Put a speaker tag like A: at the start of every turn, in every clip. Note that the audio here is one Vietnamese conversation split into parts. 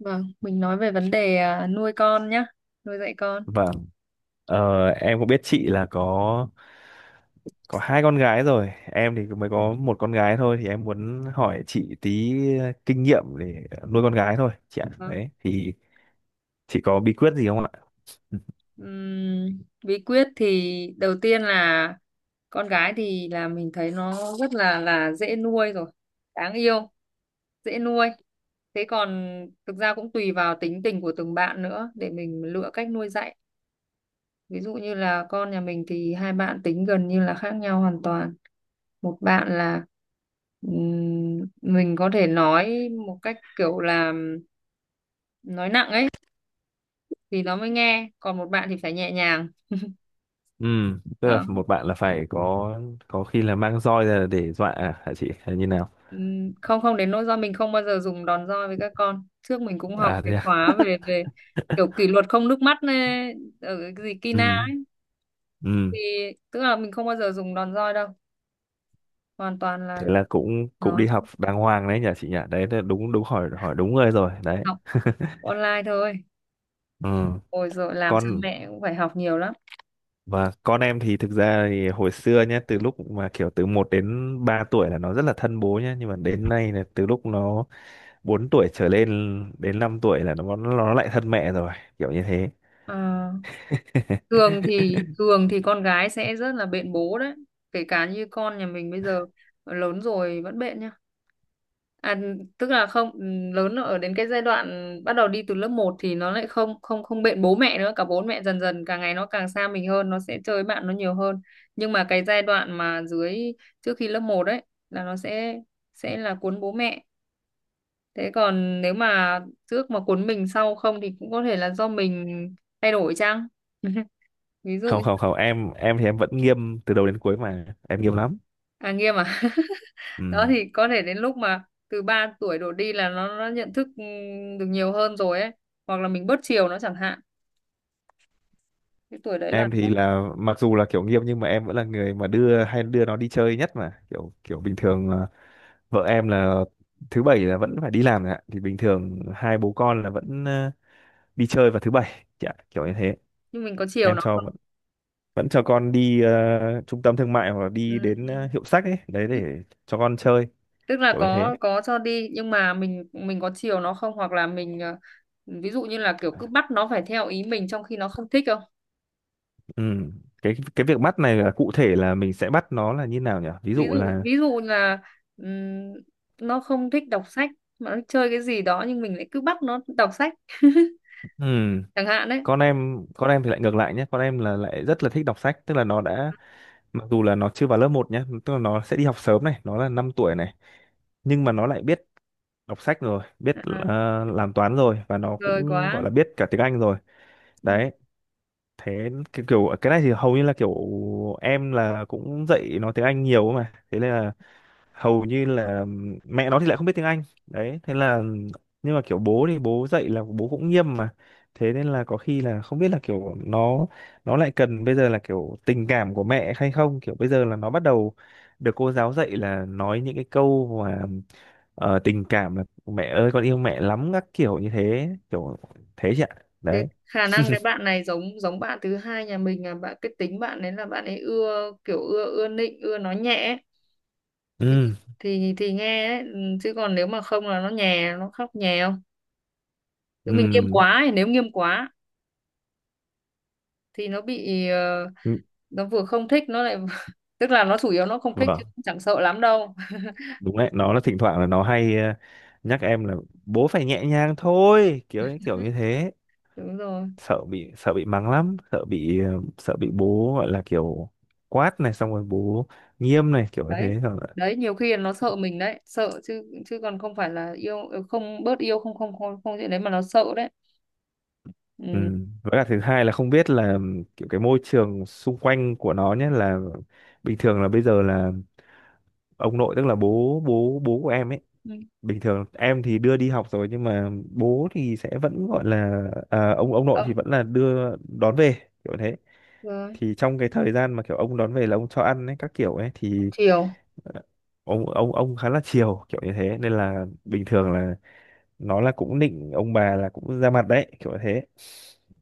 A: Vâng, mình nói về vấn đề à, nuôi con nhá, nuôi dạy con.
B: Vâng, em cũng biết chị là có hai con gái rồi, em thì mới có một con gái thôi thì em muốn hỏi chị tí kinh nghiệm để nuôi con gái thôi chị ạ.
A: Vâng.
B: Đấy thì chị có bí quyết gì không ạ?
A: Ừm, Bí quyết thì đầu tiên là con gái thì là mình thấy nó rất là dễ nuôi rồi, đáng yêu, dễ nuôi. Thế còn thực ra cũng tùy vào tính tình của từng bạn nữa để mình lựa cách nuôi dạy. Ví dụ như là con nhà mình thì hai bạn tính gần như là khác nhau hoàn toàn. Một bạn là mình có thể nói một cách kiểu là nói nặng ấy thì nó mới nghe, còn một bạn thì phải nhẹ nhàng
B: Ừ, tức là
A: đó.
B: một bạn là phải có khi là mang roi ra để dọa à, hả chị hay như nào?
A: Không không đến nỗi, do mình không bao giờ dùng đòn roi với các con. Trước mình cũng học
B: À
A: cái
B: thế à.
A: khóa về về kiểu kỷ luật không nước mắt này, ở cái gì Kina,
B: Ừ, ừ.
A: thì tức là mình không bao giờ dùng đòn roi đâu, hoàn toàn là
B: Thế là cũng cũng
A: nói
B: đi học
A: thôi,
B: đàng hoàng đấy nhỉ chị nhỉ. Đấy là đúng đúng hỏi hỏi đúng người rồi đấy.
A: học online thôi.
B: Ừ.
A: Ôi rồi, làm cha
B: Con
A: mẹ cũng phải học nhiều lắm.
B: Và con em thì thực ra thì hồi xưa nhé, từ lúc mà kiểu từ một đến 3 tuổi là nó rất là thân bố nhé, nhưng mà đến nay là từ lúc nó 4 tuổi trở lên đến 5 tuổi là nó lại thân mẹ rồi, kiểu như thế.
A: Ờ, thường thì thường thì con gái sẽ rất là bện bố đấy, kể cả như con nhà mình bây giờ lớn rồi vẫn bện nhá. À, tức là không, lớn ở đến cái giai đoạn bắt đầu đi từ lớp một thì nó lại không không không bện bố mẹ nữa, cả bố mẹ dần dần, càng ngày nó càng xa mình hơn, nó sẽ chơi với bạn nó nhiều hơn. Nhưng mà cái giai đoạn mà dưới, trước khi lớp một đấy, là nó sẽ là cuốn bố mẹ. Thế còn nếu mà trước mà cuốn mình sau không thì cũng có thể là do mình thay đổi chăng. Ví dụ,
B: Không, không, không, em thì em vẫn nghiêm từ đầu đến cuối mà, em nghiêm lắm.
A: à nghiêm à. Đó,
B: Ừ.
A: thì có thể đến lúc mà từ 3 tuổi đổ đi là nó nhận thức, được nhiều hơn rồi ấy, hoặc là mình bớt chiều nó chẳng hạn, cái tuổi đấy là
B: Em thì
A: nó.
B: là mặc dù là kiểu nghiêm nhưng mà em vẫn là người mà đưa hay đưa nó đi chơi nhất mà, kiểu kiểu bình thường là vợ em là thứ bảy là vẫn phải đi làm rồi ạ, thì bình thường hai bố con là vẫn đi chơi vào thứ bảy, dạ, kiểu như thế.
A: Nhưng mình có chiều
B: Em
A: nó
B: cho
A: không.
B: vẫn vẫn cho con đi trung tâm thương mại hoặc là
A: Ừ.
B: đi đến hiệu sách ấy đấy
A: Ừ.
B: để cho con chơi
A: Tức là
B: kiểu như thế.
A: có cho đi nhưng mà mình có chiều nó không, hoặc là mình ví dụ như là kiểu cứ bắt nó phải theo ý mình trong khi nó không thích không.
B: Ừ. cái việc bắt này là cụ thể là mình sẽ bắt nó là như nào nhỉ, ví
A: ví
B: dụ
A: dụ
B: là
A: ví dụ là, ừm, nó không thích đọc sách mà nó chơi cái gì đó nhưng mình lại cứ bắt nó đọc sách.
B: ừ.
A: Chẳng hạn đấy.
B: Con em thì lại ngược lại nhé, con em là lại rất là thích đọc sách, tức là nó đã mặc dù là nó chưa vào lớp một nhé, tức là nó sẽ đi học sớm này, nó là 5 tuổi này, nhưng mà nó lại biết đọc sách rồi biết
A: À,
B: làm toán rồi và nó
A: rồi
B: cũng gọi
A: quá.
B: là biết cả tiếng Anh rồi
A: Ừ.
B: đấy. Thế cái kiểu cái này thì hầu như là kiểu em là cũng dạy nó tiếng Anh nhiều mà, thế nên là hầu như là mẹ nó thì lại không biết tiếng Anh đấy, thế là nhưng mà kiểu bố thì bố dạy là bố cũng nghiêm mà, thế nên là có khi là không biết là kiểu nó lại cần bây giờ là kiểu tình cảm của mẹ hay không, kiểu bây giờ là nó bắt đầu được cô giáo dạy là nói những cái câu mà tình cảm là mẹ ơi con yêu mẹ lắm các kiểu như thế kiểu, thế chị ạ.
A: Thế
B: Đấy.
A: khả năng cái bạn này giống giống bạn thứ hai nhà mình, là bạn cái tính bạn ấy là bạn ấy ưa kiểu, ưa ưa nịnh, ưa nói nhẹ ấy, thì
B: Ừ.
A: thì nghe đấy. Ừ, chứ còn nếu mà không là nó nhè, nó khóc nhè không. Chứ mình nghiêm
B: Ừ.
A: quá, thì nếu nghiêm quá thì nó bị, nó vừa không thích nó lại tức là nó chủ yếu nó không thích chứ
B: Vâng,
A: cũng chẳng sợ lắm đâu.
B: đúng đấy, nó là thỉnh thoảng là nó hay nhắc em là bố phải nhẹ nhàng thôi kiểu ấy, kiểu như thế.
A: Đúng rồi.
B: Sợ bị mắng lắm, sợ bị sợ bị bố gọi là kiểu quát này, xong rồi bố nghiêm này kiểu như
A: Đấy,
B: thế xong rồi,
A: đấy nhiều khi là nó sợ mình đấy, sợ chứ chứ còn không phải là yêu không bớt yêu, không không không không chuyện đấy mà nó sợ đấy.
B: ừ.
A: Ừ.
B: Với cả thứ hai là không biết là kiểu cái môi trường xung quanh của nó nhé, là bình thường là bây giờ là ông nội tức là bố bố bố của em ấy,
A: Ừ.
B: bình thường em thì đưa đi học rồi nhưng mà bố thì sẽ vẫn gọi là à, ông nội thì
A: Ông
B: vẫn là đưa đón về kiểu thế.
A: rồi,
B: Thì trong cái thời gian mà kiểu ông đón về là ông cho ăn ấy các kiểu ấy thì
A: chiều
B: ờ, ông khá là chiều kiểu như thế, nên là bình thường là nó là cũng nịnh ông bà là cũng ra mặt đấy kiểu như thế,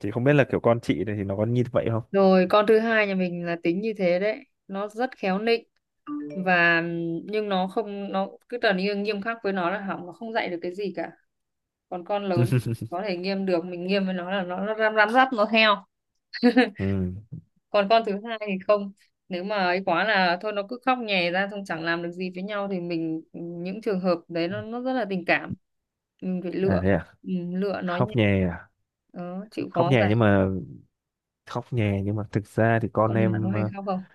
B: thì không biết là kiểu con chị này thì nó có như vậy không.
A: rồi, con thứ hai nhà mình là tính như thế đấy, nó rất khéo nịnh, và nhưng nó không, nó cứ trở nên nghiêm khắc với nó là hỏng, nó không dạy được cái gì cả. Còn con lớn có thể nghiêm được, mình nghiêm với nó là nó răm răm rắp nó theo.
B: Ừ.
A: Còn con thứ hai thì không, nếu mà ấy quá là thôi nó cứ khóc nhè ra xong chẳng làm được gì với nhau, thì mình những trường hợp đấy, nó rất là tình cảm, mình phải
B: À
A: lựa.
B: thế à.
A: Ừ, lựa nó nhẹ
B: Khóc nhè à?
A: đó, chịu
B: Khóc
A: khó
B: nhè
A: dạy.
B: nhưng mà, khóc nhè nhưng mà thực ra thì con
A: Con này bạn có
B: em
A: hay khóc không?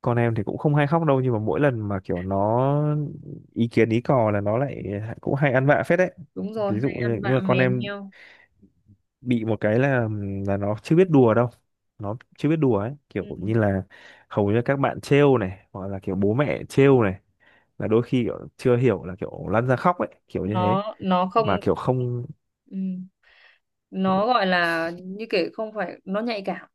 B: con em thì cũng không hay khóc đâu, nhưng mà mỗi lần mà kiểu nó ý kiến ý cò là nó lại cũng hay ăn vạ phết đấy.
A: Đúng rồi,
B: Ví dụ
A: hay
B: như,
A: ăn
B: nhưng mà
A: vạ
B: con
A: mè
B: em
A: nheo.
B: bị một cái là nó chưa biết đùa đâu, nó chưa biết đùa ấy kiểu
A: Ừ.
B: như là hầu như các bạn trêu này hoặc là kiểu bố mẹ trêu này là đôi khi kiểu chưa hiểu là kiểu lăn ra khóc ấy kiểu như thế,
A: nó không.
B: mà kiểu không.
A: Ừ. Nó gọi là như kiểu, không phải nó nhạy cảm,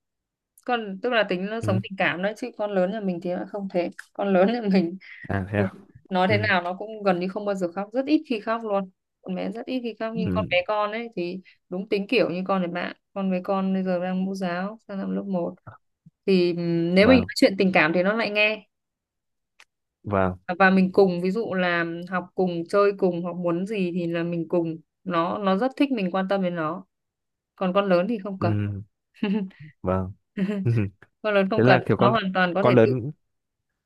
A: con tức là tính nó sống
B: Ừ.
A: tình cảm đấy, chứ con lớn nhà mình thì nó không thế. Con lớn nhà mình
B: À thế à.
A: nói thế
B: Ừ.
A: nào nó cũng gần như không bao giờ khóc, rất ít khi khóc luôn. Con bé rất ít khi khóc, nhưng con
B: Ừ.
A: bé con ấy thì đúng tính kiểu như con này bạn. Con bé con bây giờ đang mẫu giáo, sang năm lớp một, thì nếu mình
B: Vâng.
A: nói chuyện tình cảm thì nó lại nghe,
B: Vâng.
A: và mình cùng, ví dụ là học cùng, chơi cùng, hoặc muốn gì thì là mình cùng, nó rất thích mình quan tâm đến nó. Còn con lớn thì không
B: Ừ.
A: cần.
B: Vâng.
A: Con lớn không
B: Thế là
A: cần,
B: kiểu
A: nó
B: con,
A: hoàn toàn có thể
B: con
A: tự.
B: lớn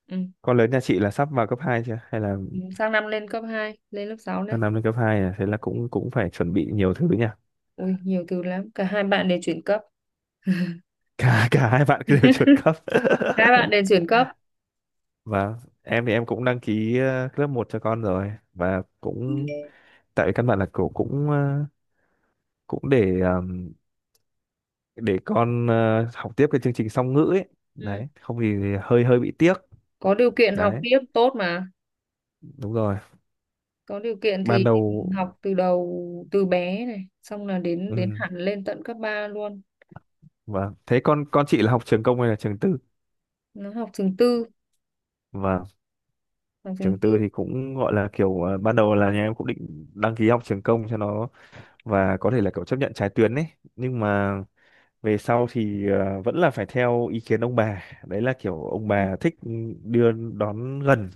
A: Ừ.
B: Con lớn nhà chị là sắp vào cấp 2 chưa? Hay là
A: Ừ, sang năm lên cấp hai, lên lớp 6
B: sang
A: đấy.
B: năm lên cấp 2 à? Thế là cũng cũng phải chuẩn bị nhiều thứ nha.
A: Ui, nhiều từ lắm, cả hai bạn đều chuyển cấp.
B: Cả cả hai bạn cứ đều chuẩn cấp.
A: Các bạn đều chuyển cấp.
B: Và em thì em cũng đăng ký lớp một cho con rồi và cũng tại vì căn bản là cổ cũng cũng để con học tiếp cái chương trình song ngữ ấy.
A: Ừ,
B: Đấy, không thì hơi hơi bị tiếc.
A: có điều kiện học
B: Đấy,
A: tiếp tốt mà,
B: đúng rồi.
A: có điều kiện
B: Ban
A: thì
B: đầu
A: học từ đầu, từ bé này, xong là đến đến
B: ừ,
A: hẳn lên tận cấp 3 luôn.
B: vâng. Thế con chị là học trường công hay là trường tư?
A: Nó học trường tư,
B: Vâng.
A: học
B: Trường
A: trường
B: tư
A: tư.
B: thì cũng gọi là kiểu ban đầu là nhà em cũng định đăng ký học trường công cho nó và có thể là kiểu chấp nhận trái tuyến ấy, nhưng mà về sau thì vẫn là phải theo ý kiến ông bà, đấy là kiểu ông
A: Ừ.
B: bà thích đưa đón gần,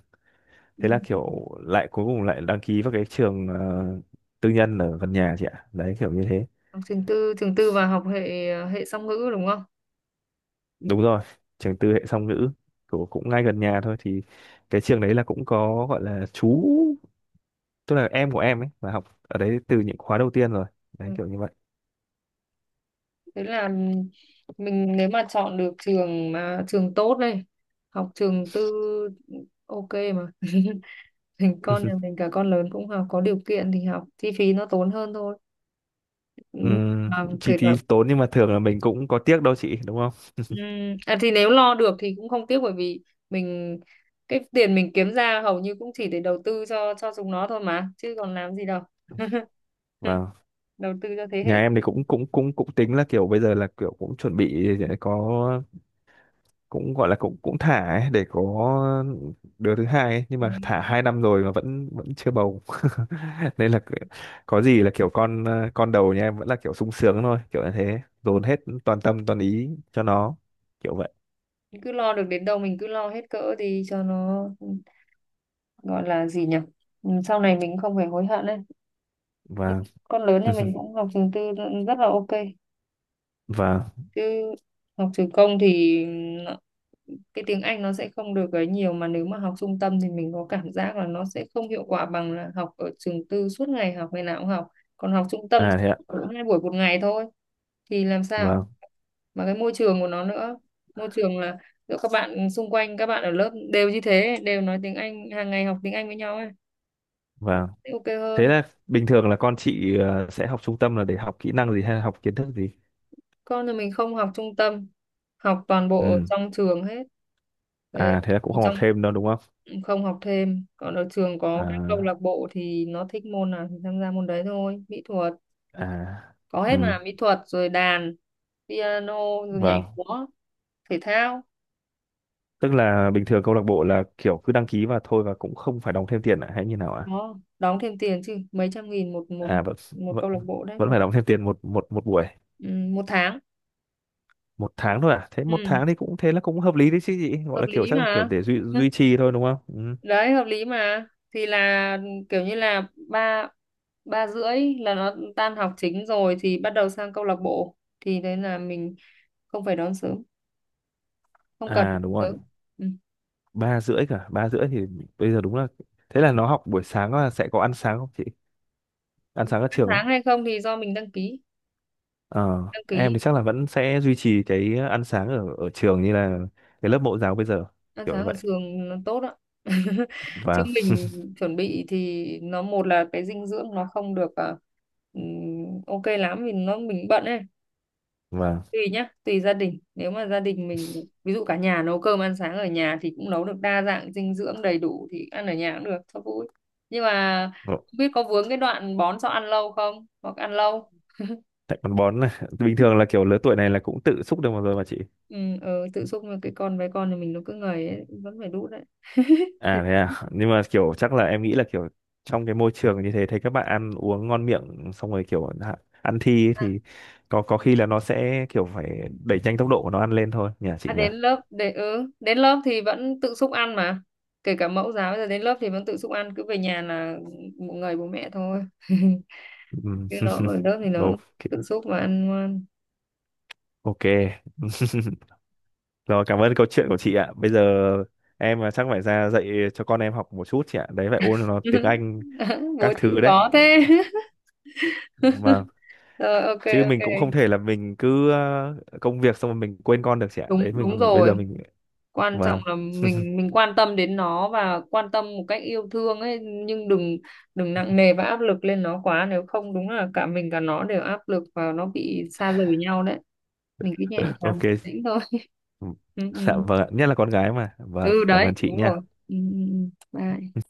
B: thế là
A: Ừ,
B: kiểu lại cuối cùng lại đăng ký vào cái trường tư nhân ở gần nhà chị ạ đấy kiểu như thế.
A: học trường tư, trường tư và học hệ hệ song ngữ đúng không.
B: Đúng rồi, trường tư hệ song ngữ của cũng ngay gần nhà thôi thì cái trường đấy là cũng có gọi là chú, tức là em của em ấy là học ở đấy từ những khóa đầu tiên rồi đấy
A: Ừ.
B: kiểu như vậy.
A: Thế là mình nếu mà chọn được trường mà trường tốt đây, học trường tư ok mà. Mình con nhà mình cả con lớn cũng học, có điều kiện thì học, chi phí nó tốn hơn thôi. Ừ.
B: Ừm,
A: Mà
B: chi
A: kể
B: phí
A: cả,
B: tốn nhưng mà thường là mình cũng có tiếc đâu chị đúng không.
A: à, thì nếu lo được thì cũng không tiếc, bởi vì mình cái tiền mình kiếm ra hầu như cũng chỉ để đầu tư cho chúng nó thôi mà, chứ còn làm gì đâu.
B: Và
A: Đầu tư cho thế
B: nhà
A: hệ.
B: em thì cũng cũng cũng cũng tính là kiểu bây giờ là kiểu cũng chuẩn bị để có cũng gọi là cũng cũng thả ấy, để có đứa thứ hai ấy. Nhưng
A: Ừ.
B: mà thả hai năm rồi mà vẫn vẫn chưa bầu. Nên là cứ- có gì là kiểu con con đầu nhà em vẫn là kiểu sung sướng thôi kiểu như thế,
A: Còn
B: dồn hết toàn tâm toàn ý cho nó kiểu vậy
A: cứ lo được đến đâu mình cứ lo hết cỡ thì cho nó. Ừ, gọi là gì nhỉ, ừ, sau này mình không phải hối hận đấy.
B: và
A: Con lớn thì mình cũng học trường tư, rất là ok.
B: và
A: Chứ học trường công thì nó- cái tiếng Anh nó sẽ không được ấy nhiều, mà nếu mà học trung tâm thì mình có cảm giác là nó sẽ không hiệu quả bằng là học ở trường tư, suốt ngày học, ngày nào cũng học. Còn học trung tâm thì
B: à thế ạ.
A: cũng hai buổi một ngày thôi, thì làm sao.
B: Vâng.
A: Mà cái môi trường của nó nữa, môi trường là giữa các bạn xung quanh, các bạn ở lớp đều như thế, đều nói tiếng Anh hàng ngày, học tiếng Anh với nhau ấy,
B: Vâng.
A: sẽ ok
B: Thế
A: hơn.
B: là bình thường là con chị sẽ học trung tâm là để học kỹ năng gì hay là học kiến thức gì.
A: Con nhà mình không học trung tâm, học toàn bộ ở
B: Ừ.
A: trong trường hết. Về
B: À thế là cũng
A: ở
B: không học
A: trong,
B: thêm đâu đúng không.
A: không học thêm. Còn ở trường có cái câu
B: À.
A: lạc bộ thì nó thích môn nào thì tham gia môn đấy thôi, mỹ thuật
B: À.
A: có
B: Ừ.
A: hết mà, mỹ thuật rồi đàn piano rồi nhảy
B: Vâng.
A: múa, thể thao.
B: Tức là bình thường câu lạc bộ là kiểu cứ đăng ký và thôi và cũng không phải đóng thêm tiền à hay như nào ạ?
A: Nó đóng thêm tiền chứ, mấy trăm nghìn một, một
B: À vẫn
A: một
B: vẫn
A: câu lạc bộ đấy,
B: vẫn
A: một,
B: phải đóng thêm tiền một một một buổi,
A: ừ, một tháng.
B: một tháng thôi à? Thế
A: Ừ,
B: một tháng thì cũng thế là cũng hợp lý đấy chứ gì, gọi
A: hợp
B: là kiểu
A: lý
B: chắc là kiểu
A: mà.
B: để duy duy trì thôi đúng không. Ừ.
A: Đấy, hợp lý mà. Thì là kiểu như là ba, ba rưỡi là nó tan học chính rồi thì bắt đầu sang câu lạc bộ, thì đấy là mình không phải đón sớm, không cần
B: À
A: đón
B: đúng rồi.
A: sớm. Ừ.
B: Ba rưỡi thì bây giờ đúng là thế là nó học buổi sáng là sẽ có ăn sáng không chị, ăn
A: Ăn
B: sáng ở trường ấy.
A: sáng hay không thì do mình đăng ký
B: Ờ,
A: đăng
B: em
A: ký
B: thì chắc là vẫn sẽ duy trì cái ăn sáng ở ở trường như là cái lớp mẫu giáo bây giờ
A: Ăn
B: kiểu như
A: sáng ở
B: vậy
A: trường nó tốt ạ. Chứ
B: và
A: mình chuẩn bị thì nó, một là cái dinh dưỡng nó không được à, ừm, ok lắm vì nó mình bận ấy.
B: và
A: Tùy nhá, tùy gia đình, nếu mà gia đình mình ví dụ cả nhà nấu cơm ăn sáng ở nhà thì cũng nấu được đa dạng dinh dưỡng đầy đủ thì ăn ở nhà cũng được cho vui. Nhưng mà không biết có vướng cái đoạn bón cho ăn lâu không, hoặc ăn lâu.
B: tại con bón này. Bình thường là kiểu lứa tuổi này là cũng tự xúc được một rồi mà chị.
A: Ừ, ừ tự xúc mà, cái con bé con thì mình nó cứ ngầy ấy, vẫn phải đút đấy.
B: À thế à, nhưng mà kiểu chắc là em nghĩ là kiểu trong cái môi trường như thế thấy các bạn ăn uống ngon miệng xong rồi kiểu hạ- ăn thi ấy
A: À,
B: thì có khi là nó sẽ kiểu phải đẩy nhanh tốc độ của nó ăn lên thôi nhỉ chị
A: à,
B: nhỉ.
A: đến lớp thì vẫn tự xúc ăn mà, kể cả mẫu giáo bây giờ đến lớp thì vẫn tự xúc ăn, cứ về nhà là ngầy bố mẹ thôi.
B: Ừm,
A: Chứ nó ở lớp thì nó
B: ok.
A: tự xúc và ăn ngoan.
B: Ok. Rồi, cảm ơn câu chuyện của chị ạ. Bây giờ em à, chắc phải ra dạy cho con em học một chút chị ạ, đấy phải ôn nó tiếng Anh
A: Bố
B: các
A: chữ
B: thứ đấy.
A: khó thế.
B: Vâng.
A: Rồi ok.
B: Chứ mình cũng không
A: Ok,
B: thể là mình cứ công việc xong rồi mình quên con được chị ạ, đấy
A: đúng đúng
B: mình bây
A: rồi,
B: giờ mình
A: quan trọng
B: vâng
A: là mình quan tâm đến nó và quan tâm một cách yêu thương ấy, nhưng đừng đừng nặng nề và áp lực lên nó quá, nếu không đúng là cả mình cả nó đều áp lực và nó bị xa rời nhau đấy. Mình cứ nhẹ nhàng
B: ok.
A: tĩnh thôi.
B: Ừ.
A: Ừ, ừ.
B: Dạ vâng ạ. Nhất là con gái mà, vâng,
A: Ừ
B: cảm
A: đấy
B: ơn chị
A: đúng
B: nha.
A: rồi, ừ, ừ, ừ. Bye.